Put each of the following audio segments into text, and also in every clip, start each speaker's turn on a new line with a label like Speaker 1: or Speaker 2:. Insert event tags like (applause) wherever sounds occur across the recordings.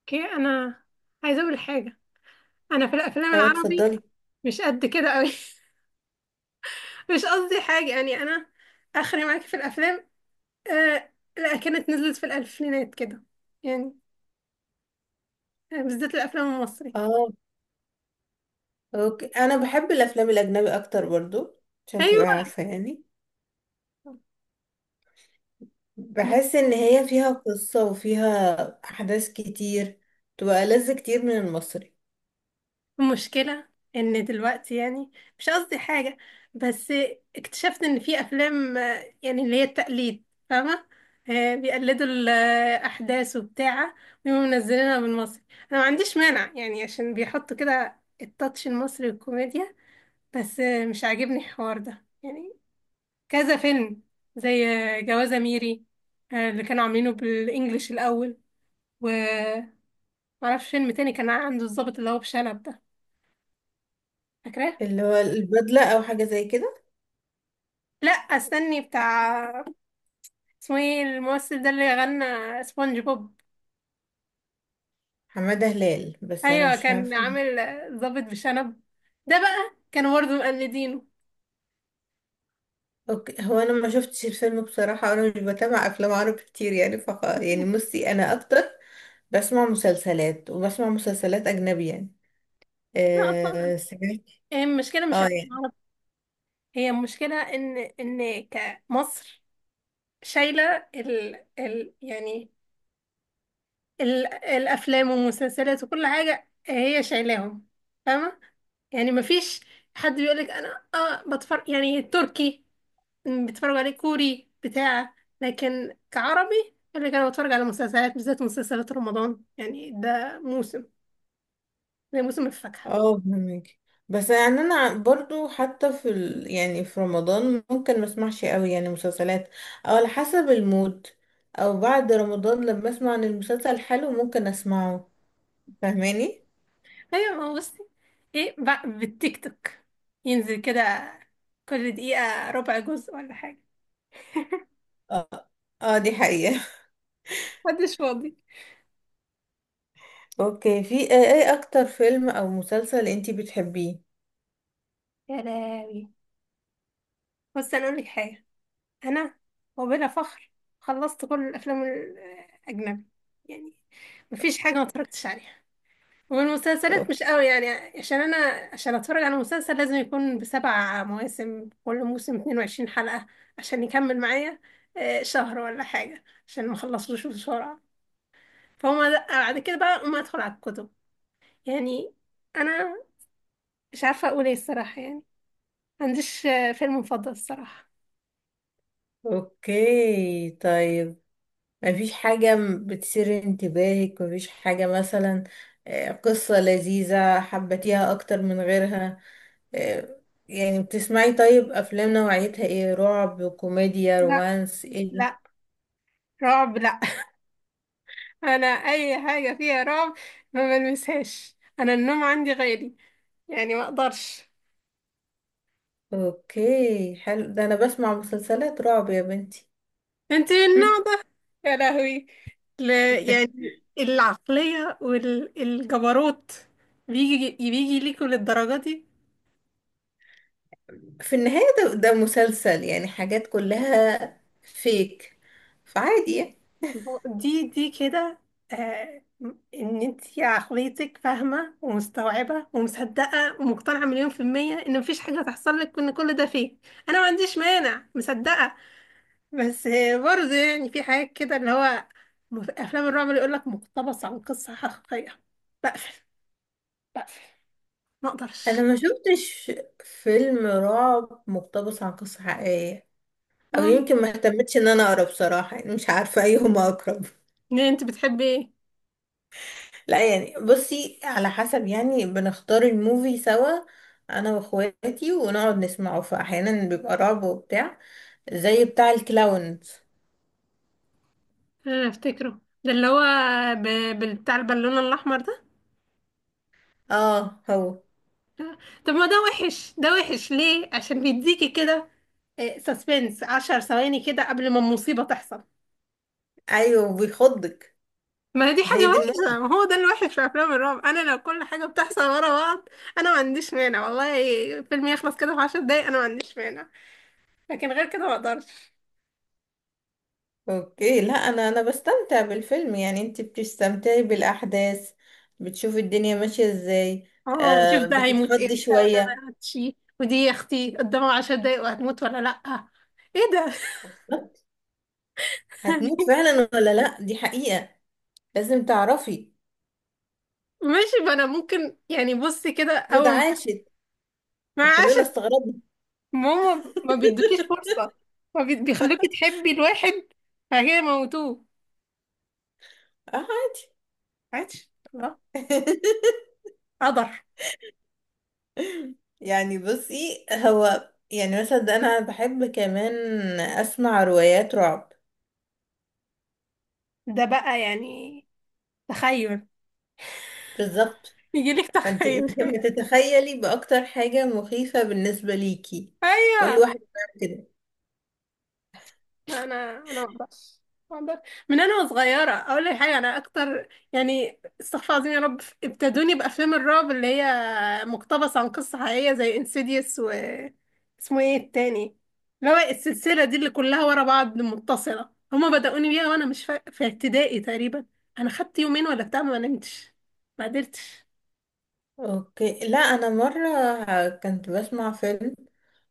Speaker 1: اوكي، انا عايزه اقول حاجه. انا في الافلام
Speaker 2: اه،
Speaker 1: العربي
Speaker 2: اتفضلي.
Speaker 1: مش قد كده قوي. (laughs) مش قصدي حاجه، يعني انا اخري معاكي في الافلام. آه لا، كانت نزلت في الالفينات كده يعني. بالذات الافلام المصري.
Speaker 2: اه اوكي، انا بحب الافلام الاجنبي اكتر برضو، عشان
Speaker 1: ايوه.
Speaker 2: تبقى عارفة يعني. بحس ان هي فيها قصة وفيها احداث كتير، تبقى لذة كتير من المصري.
Speaker 1: المشكلة ان دلوقتي يعني، مش قصدي حاجة، بس اكتشفت ان في افلام يعني اللي هي التقليد، فاهمة؟ بيقلدوا الاحداث وبتاع، ويقوموا منزلينها بالمصري. انا ما عنديش مانع يعني، عشان بيحطوا كده التاتش المصري والكوميديا، بس مش عاجبني الحوار ده يعني. كذا فيلم، زي جوازة ميري، اللي كانوا عاملينه بالانجليش الاول. و معرفش فيلم تاني كان عنده الضابط اللي هو بشنب ده، فاكراه؟
Speaker 2: اللي هو البدلة او حاجة زي كده.
Speaker 1: لا استني بتاع، اسمه ايه الممثل ده اللي غنى سبونج بوب؟
Speaker 2: حمادة هلال، بس انا
Speaker 1: ايوه،
Speaker 2: مش
Speaker 1: كان
Speaker 2: عارفة.
Speaker 1: عامل ضابط بشنب. ده بقى كانوا برضه مقلدينه.
Speaker 2: اوكي، هو انا ما شفتش الفيلم بصراحة، انا مش بتابع افلام عربي كتير يعني فخ. يعني بصي، انا اكتر بسمع مسلسلات، وبسمع مسلسلات اجنبي يعني.
Speaker 1: احنا اصلا،
Speaker 2: آه سمعت.
Speaker 1: هي المشكله مش
Speaker 2: اه
Speaker 1: افلام
Speaker 2: يعني.
Speaker 1: عربي. هي المشكله ان كمصر شايله ال يعني الافلام والمسلسلات وكل حاجه، هي شايلاهم. فاهمه؟ يعني مفيش حد بيقولك انا بتفرج يعني التركي، بتفرج عليه كوري بتاع. لكن كعربي، اللي كان بتفرج على مسلسلات، بالذات مسلسلات رمضان، يعني ده موسم زي موسم الفاكهة.
Speaker 2: اه فهمك. بس يعني انا برضو حتى يعني في رمضان ممكن ما اسمعش قوي يعني مسلسلات، او على حسب المود، او بعد رمضان لما اسمع عن المسلسل حلو ممكن اسمعه. فاهماني.
Speaker 1: ايوه، ما هو بصي، ايه بقى بالتيك توك، ينزل كده كل دقيقة ربع جزء ولا حاجة.
Speaker 2: اه. اه دي حقيقة.
Speaker 1: محدش فاضي.
Speaker 2: (laughs) اوكي، في ايه، إيه اكتر فيلم او مسلسل انتي بتحبيه؟
Speaker 1: يا لهوي، بس انا اقول لك حاجة. انا وبلا فخر خلصت كل الافلام الاجنبي، يعني مفيش حاجة ما اتفرجتش عليها. والمسلسلات مش
Speaker 2: اوكي
Speaker 1: قوي يعني. عشان انا، عشان اتفرج على مسلسل لازم يكون بسبع مواسم، كل موسم 22 حلقة عشان يكمل معايا شهر ولا حاجة، عشان ما اخلصوش بسرعة. فهم لأ، بعد كده بقى ما ادخل على الكتب يعني. انا مش عارفة اقول ايه الصراحة، يعني ما عنديش فيلم مفضل الصراحة.
Speaker 2: اوكي طيب. مفيش حاجة بتثير انتباهك؟ مفيش حاجة مثلا قصة لذيذة حبتيها اكتر من غيرها؟ آه، يعني بتسمعي طيب افلام نوعيتها ايه؟ رعب، كوميديا،
Speaker 1: لا،
Speaker 2: رومانس، ايه؟
Speaker 1: لا، رعب لا. (laughs) انا اي حاجة فيها رعب ما بلمسهاش، انا النوم عندي غالي يعني، ما اقدرش.
Speaker 2: اوكي حلو، ده انا بسمع مسلسلات رعب يا بنتي.
Speaker 1: انت من النوع ده؟ يا لهوي. ل... يعني
Speaker 2: (laughs)
Speaker 1: العقلية والجبروت بيجي بيجي ليكوا للدرجة دي.
Speaker 2: في النهاية ده مسلسل يعني، حاجات كلها فيك، فعادي يعني.
Speaker 1: دي دي كده. آه، ان انت عقليتك فاهمة ومستوعبة ومصدقة ومقتنعة مليون في المية ان مفيش حاجة هتحصل لك، ان كل ده فيه. انا ما عنديش مانع، مصدقة، بس برضه يعني في حاجات كده اللي هو افلام الرعب اللي يقول لك مقتبس عن قصة حقيقية، بقفل بقفل، ما
Speaker 2: انا
Speaker 1: اقدرش.
Speaker 2: ما شفتش فيلم رعب مقتبس عن قصة حقيقية، او يمكن ما اهتمتش ان انا اقرا بصراحة، يعني مش عارفة ايهما اقرب.
Speaker 1: ده انت بتحبي ايه؟
Speaker 2: لا يعني بصي، على حسب يعني، بنختار الموفي سوا انا واخواتي، ونقعد نسمعه، فاحيانا بيبقى رعب وبتاع، زي بتاع الكلاونز.
Speaker 1: انا افتكره، ده اللي هو ب... بتاع البالونه الاحمر ده.
Speaker 2: اه هو.
Speaker 1: لا. طب ما ده وحش، ده وحش ليه؟ عشان بيديكي كده سسبنس 10 ثواني كده قبل ما المصيبه تحصل.
Speaker 2: ايوه بيخضك.
Speaker 1: ما هي دي
Speaker 2: هي
Speaker 1: حاجه
Speaker 2: دي الموت.
Speaker 1: وحشه، ما هو ده الوحش في افلام الرعب. انا لو كل حاجه بتحصل ورا بعض، انا ما عنديش مانع والله. فيلم يخلص كده في 10 دقايق، انا ما عنديش مانع. لكن غير كده ما اقدرش.
Speaker 2: اوكي لا، انا بستمتع بالفيلم يعني، انت بتستمتعي بالاحداث، بتشوفي الدنيا ماشيه ازاي.
Speaker 1: اه، نشوف
Speaker 2: آه
Speaker 1: ده هيموت
Speaker 2: بتتخضي
Speaker 1: امتى وده ما
Speaker 2: شويه.
Speaker 1: يموتش. ودي يا اختي قدامها 10 دقايق، وهتموت ولا لا؟ ايه ده؟
Speaker 2: هتموت
Speaker 1: (laughs)
Speaker 2: فعلا ولا لا، دي حقيقه، لازم تعرفي.
Speaker 1: ماشي، ما انا ممكن يعني، بصي كده
Speaker 2: فريد
Speaker 1: اول ما
Speaker 2: عاشت
Speaker 1: ما
Speaker 2: وكلنا
Speaker 1: عشان
Speaker 2: استغربنا.
Speaker 1: ماما ما بيدوكيش فرصة. ما بي- بيخلوكي تحبي الواحد فهي موتوه.
Speaker 2: آه.
Speaker 1: عادش لا
Speaker 2: (laughs)
Speaker 1: قدر.
Speaker 2: يعني بصي، هو يعني مثلا ده، انا بحب كمان اسمع روايات رعب.
Speaker 1: ده بقى يعني تخيل،
Speaker 2: بالظبط.
Speaker 1: يجيلك
Speaker 2: انت
Speaker 1: تخيل.
Speaker 2: لما
Speaker 1: (laughs)
Speaker 2: تتخيلي باكتر حاجة مخيفة بالنسبة ليكي، كل
Speaker 1: ايوه،
Speaker 2: واحد بيعمل كده.
Speaker 1: انا ما اقدرش، ما اقدرش. من انا وصغيره اقول لك حاجه، انا اكتر يعني، استغفر الله العظيم يا رب، ابتدوني بافلام الرعب اللي هي مقتبسه عن قصه حقيقيه زي انسيديوس، و اسمه ايه التاني، اللي هو السلسله دي اللي كلها ورا بعض متصله. هما بدأوني بيها وانا مش في ابتدائي تقريبا. انا خدت يومين ولا بتاع ما نمتش، ما قدرتش.
Speaker 2: اوكي لا، انا مرة كنت بسمع فيلم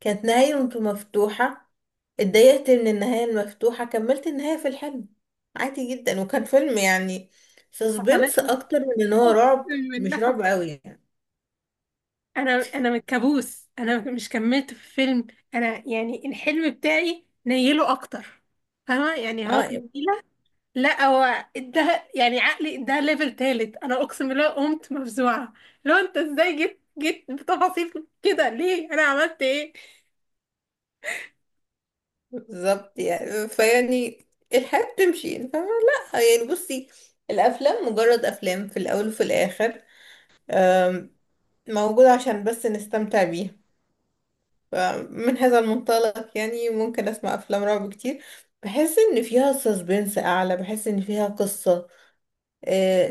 Speaker 2: كانت نهايته مفتوحة، اتضايقت من النهاية المفتوحة، كملت النهاية في الحلم، عادي جدا. وكان فيلم يعني
Speaker 1: (laughs) حصلت
Speaker 2: سسبنس
Speaker 1: لي،
Speaker 2: اكتر من ان هو
Speaker 1: اقسم
Speaker 2: رعب، مش
Speaker 1: بالله.
Speaker 2: رعب قوي يعني.
Speaker 1: انا من كابوس، انا مش كملت في الفيلم. انا يعني الحلم بتاعي نيله اكتر، فاهمه يعني؟ هو
Speaker 2: اه
Speaker 1: تنيله. لا، هو ده يعني عقلي ده ليفل تالت، انا اقسم بالله قمت مفزوعه. لو انت ازاي جيت جيت بتفاصيل كده؟ ليه انا عملت ايه؟
Speaker 2: بالظبط يعني، فيعني الحياة بتمشي يعني، فاهمة؟ لا يعني بصي، الأفلام مجرد أفلام في الأول وفي الآخر، أم، موجودة عشان بس نستمتع بيها. فمن هذا المنطلق يعني ممكن أسمع أفلام رعب كتير. بحس إن فيها سسبنس أعلى، بحس إن فيها قصة.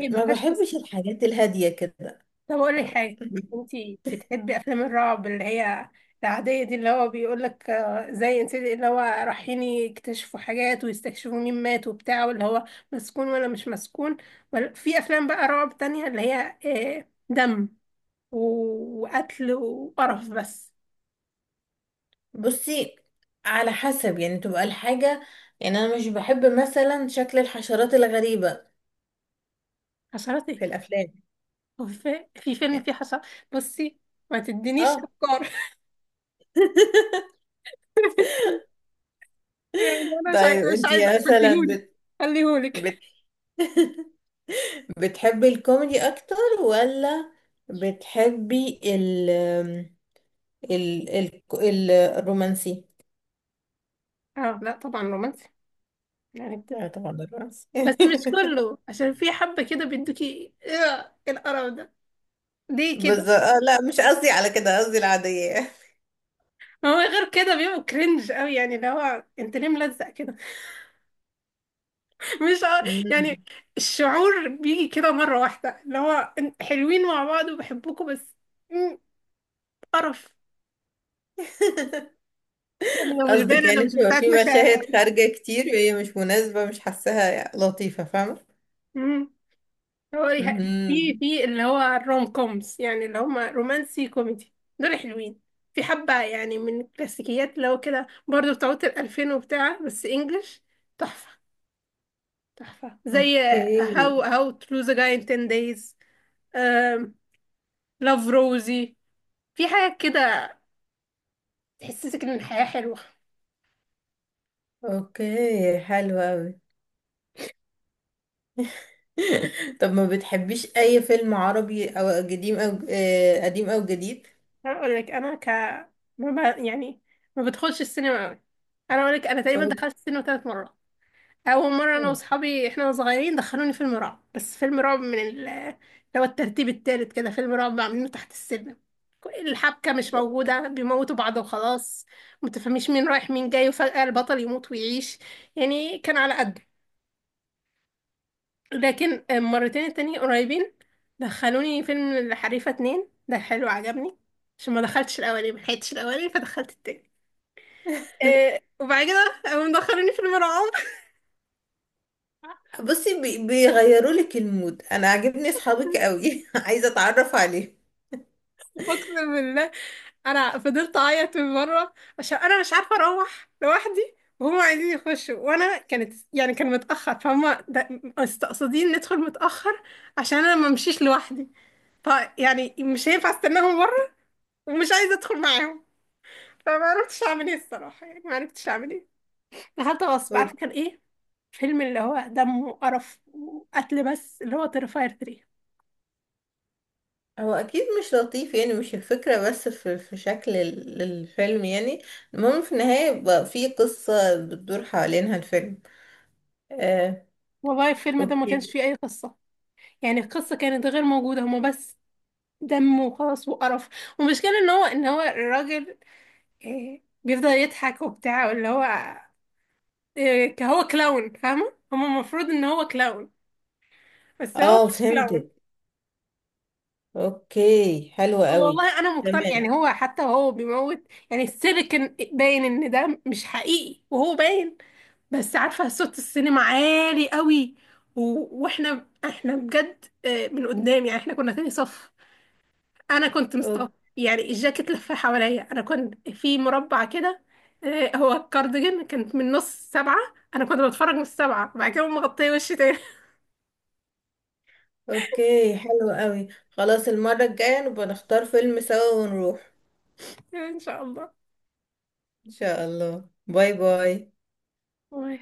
Speaker 1: هي ما
Speaker 2: ما
Speaker 1: فيهاش
Speaker 2: بحبش
Speaker 1: قصه.
Speaker 2: الحاجات الهادية كده.
Speaker 1: طب قولي حاجة، انتي بتحبي افلام الرعب اللي هي العادية دي، اللي هو بيقولك زي انت، اللي هو رايحين يكتشفوا حاجات ويستكشفوا مين مات وبتاع، واللي هو مسكون ولا مش مسكون؟ ولا في افلام بقى رعب تانية اللي هي دم وقتل وقرف بس؟
Speaker 2: بصي على حسب يعني تبقى الحاجة، يعني أنا مش بحب مثلا شكل الحشرات الغريبة
Speaker 1: حشرات ايه؟
Speaker 2: في الأفلام
Speaker 1: هو في فيلم
Speaker 2: يعني.
Speaker 1: فيه حشرات؟ بصي، ما تدينيش
Speaker 2: اه.
Speaker 1: افكار.
Speaker 2: (laughs)
Speaker 1: (laughs) يعني انا مش
Speaker 2: طيب
Speaker 1: عايزة، مش
Speaker 2: انت
Speaker 1: عايزة،
Speaker 2: مثلا
Speaker 1: خديهولي. خليهولك.
Speaker 2: بت... (laughs) بتحبي الكوميدي اكتر، ولا بتحبي ال ال الرومانسي؟
Speaker 1: اه لا، طبعا رومانسي يعني.
Speaker 2: لا طبعا الرومانسي.
Speaker 1: بس مش
Speaker 2: (laughs)
Speaker 1: كله، عشان في حبة كده بيدوكي ايه القرف ده؟ ليه كده؟
Speaker 2: بس لا مش قصدي على كده، قصدي العادية.
Speaker 1: ما هو غير كده بيبقوا كرنج قوي، يعني اللي هو انت ليه ملزق كده؟ (laughs) مش ع-
Speaker 2: مم.
Speaker 1: يعني الشعور بيجي كده مرة واحدة، اللي هو حلوين مع بعض وبحبكم بس، مم، قرف
Speaker 2: (laughs)
Speaker 1: يعني. لو مش باين،
Speaker 2: قصدك
Speaker 1: انا
Speaker 2: يعني
Speaker 1: مش
Speaker 2: بتبقى
Speaker 1: بتاعت
Speaker 2: في
Speaker 1: مشاعر
Speaker 2: مشاهد
Speaker 1: قوي.
Speaker 2: خارجة كتير، وهي مش مناسبة، مش حاساها لطيفة، فاهمة؟
Speaker 1: هو يه- في
Speaker 2: مهم.
Speaker 1: اللي هو الروم كومز، يعني اللي هما رومانسي كوميدي، دول حلوين. في حبة يعني من الكلاسيكيات اللي هو كده برضه، بتاعت الألفين وبتاع، بس إنجلش، تحفة. تحفة زي هاو
Speaker 2: اوكي
Speaker 1: هاو to lose a guy in 10 days، لاف روزي. في حاجة كده تحسسك إن الحياة حلوة.
Speaker 2: اوكي حلو أوي. (laughs) طب ما بتحبيش اي فيلم عربي او قديم، او قديم او جديد؟ (laughs)
Speaker 1: أنا أقول لك، أنا ما ب... يعني ما بدخلش السينما أوي. أنا أقول لك، أنا تقريبا
Speaker 2: أو-
Speaker 1: دخلت السينما 3 مرات. اول مره انا
Speaker 2: أو-
Speaker 1: واصحابي احنا صغيرين، دخلوني فيلم رعب، بس فيلم رعب من اللي هو الترتيب التالت كده، فيلم رعب عاملينه تحت السلم. الحبكه مش موجوده، بيموتوا بعض وخلاص. متفهميش مين رايح مين جاي، وفجاه البطل يموت ويعيش. يعني كان على قده. لكن مرتين التانية قريبين، دخلوني فيلم الحريفه 2، ده حلو عجبني. عشان ما دخلتش الاولاني، ما لحقتش الاولاني فدخلت التاني. إيه، وبعد كده قاموا مدخلوني فيلم رعب.
Speaker 2: بصي بيغيروا لك المود. انا عاجبني اصحابك قوي، (laughs) عايزه اتعرف عليه.
Speaker 1: اقسم بالله، انا فضلت اعيط من بره، عشان انا مش عارفه اروح لوحدي وهم عايزين يخشوا، وانا كانت يعني كان متاخر فهم. ده- مستقصدين ندخل متاخر، عشان انا ما امشيش لوحدي. فيعني مش هينفع استناهم بره، ومش عايزه ادخل معاهم. فما عرفتش اعمل ايه الصراحه، يعني ما عرفتش اعمل ايه. دخلت غصب.
Speaker 2: هو
Speaker 1: عارفه كان ايه؟ فيلم اللي هو دم وقرف وقتل بس، اللي هو تيرفاير 3.
Speaker 2: هو اكيد مش لطيف يعني، مش الفكره بس في شكل الفيلم يعني. المهم في النهايه يبقى في قصه بتدور حوالينها الفيلم. آه.
Speaker 1: والله الفيلم ده ما
Speaker 2: اوكي.
Speaker 1: كانش فيه اي قصه. يعني القصه كانت غير موجوده، هما بس دم وخلاص وقرف. والمشكلة ان هو الراجل، بيفضل يضحك وبتاع، اللي هو هو كلاون، فاهمة؟ هو المفروض ان هو كلاون، بس هو
Speaker 2: اه
Speaker 1: مش كلاون.
Speaker 2: فهمتك. اوكي حلوه قوي.
Speaker 1: والله انا مقتنع يعني،
Speaker 2: تمام.
Speaker 1: هو حتى هو بيموت يعني. السيليكون باين ان ده مش حقيقي، وهو باين. بس عارفة صوت السينما عالي قوي، و... واحنا بجد من قدام يعني، احنا كنا تاني صف. انا كنت مستغربه، يعني الجاكيت لف حواليا، انا كنت في مربع كده. هو الكارديجان كانت من نص سبعة، انا كنت بتفرج من السبعة، بعد كده مغطيه وشي تاني.
Speaker 2: اوكي حلو قوي، خلاص المرة الجاية نبقى نختار فيلم سوا ونروح.
Speaker 1: (laughs) ان شاء
Speaker 2: ان شاء الله، باي باي.
Speaker 1: الله.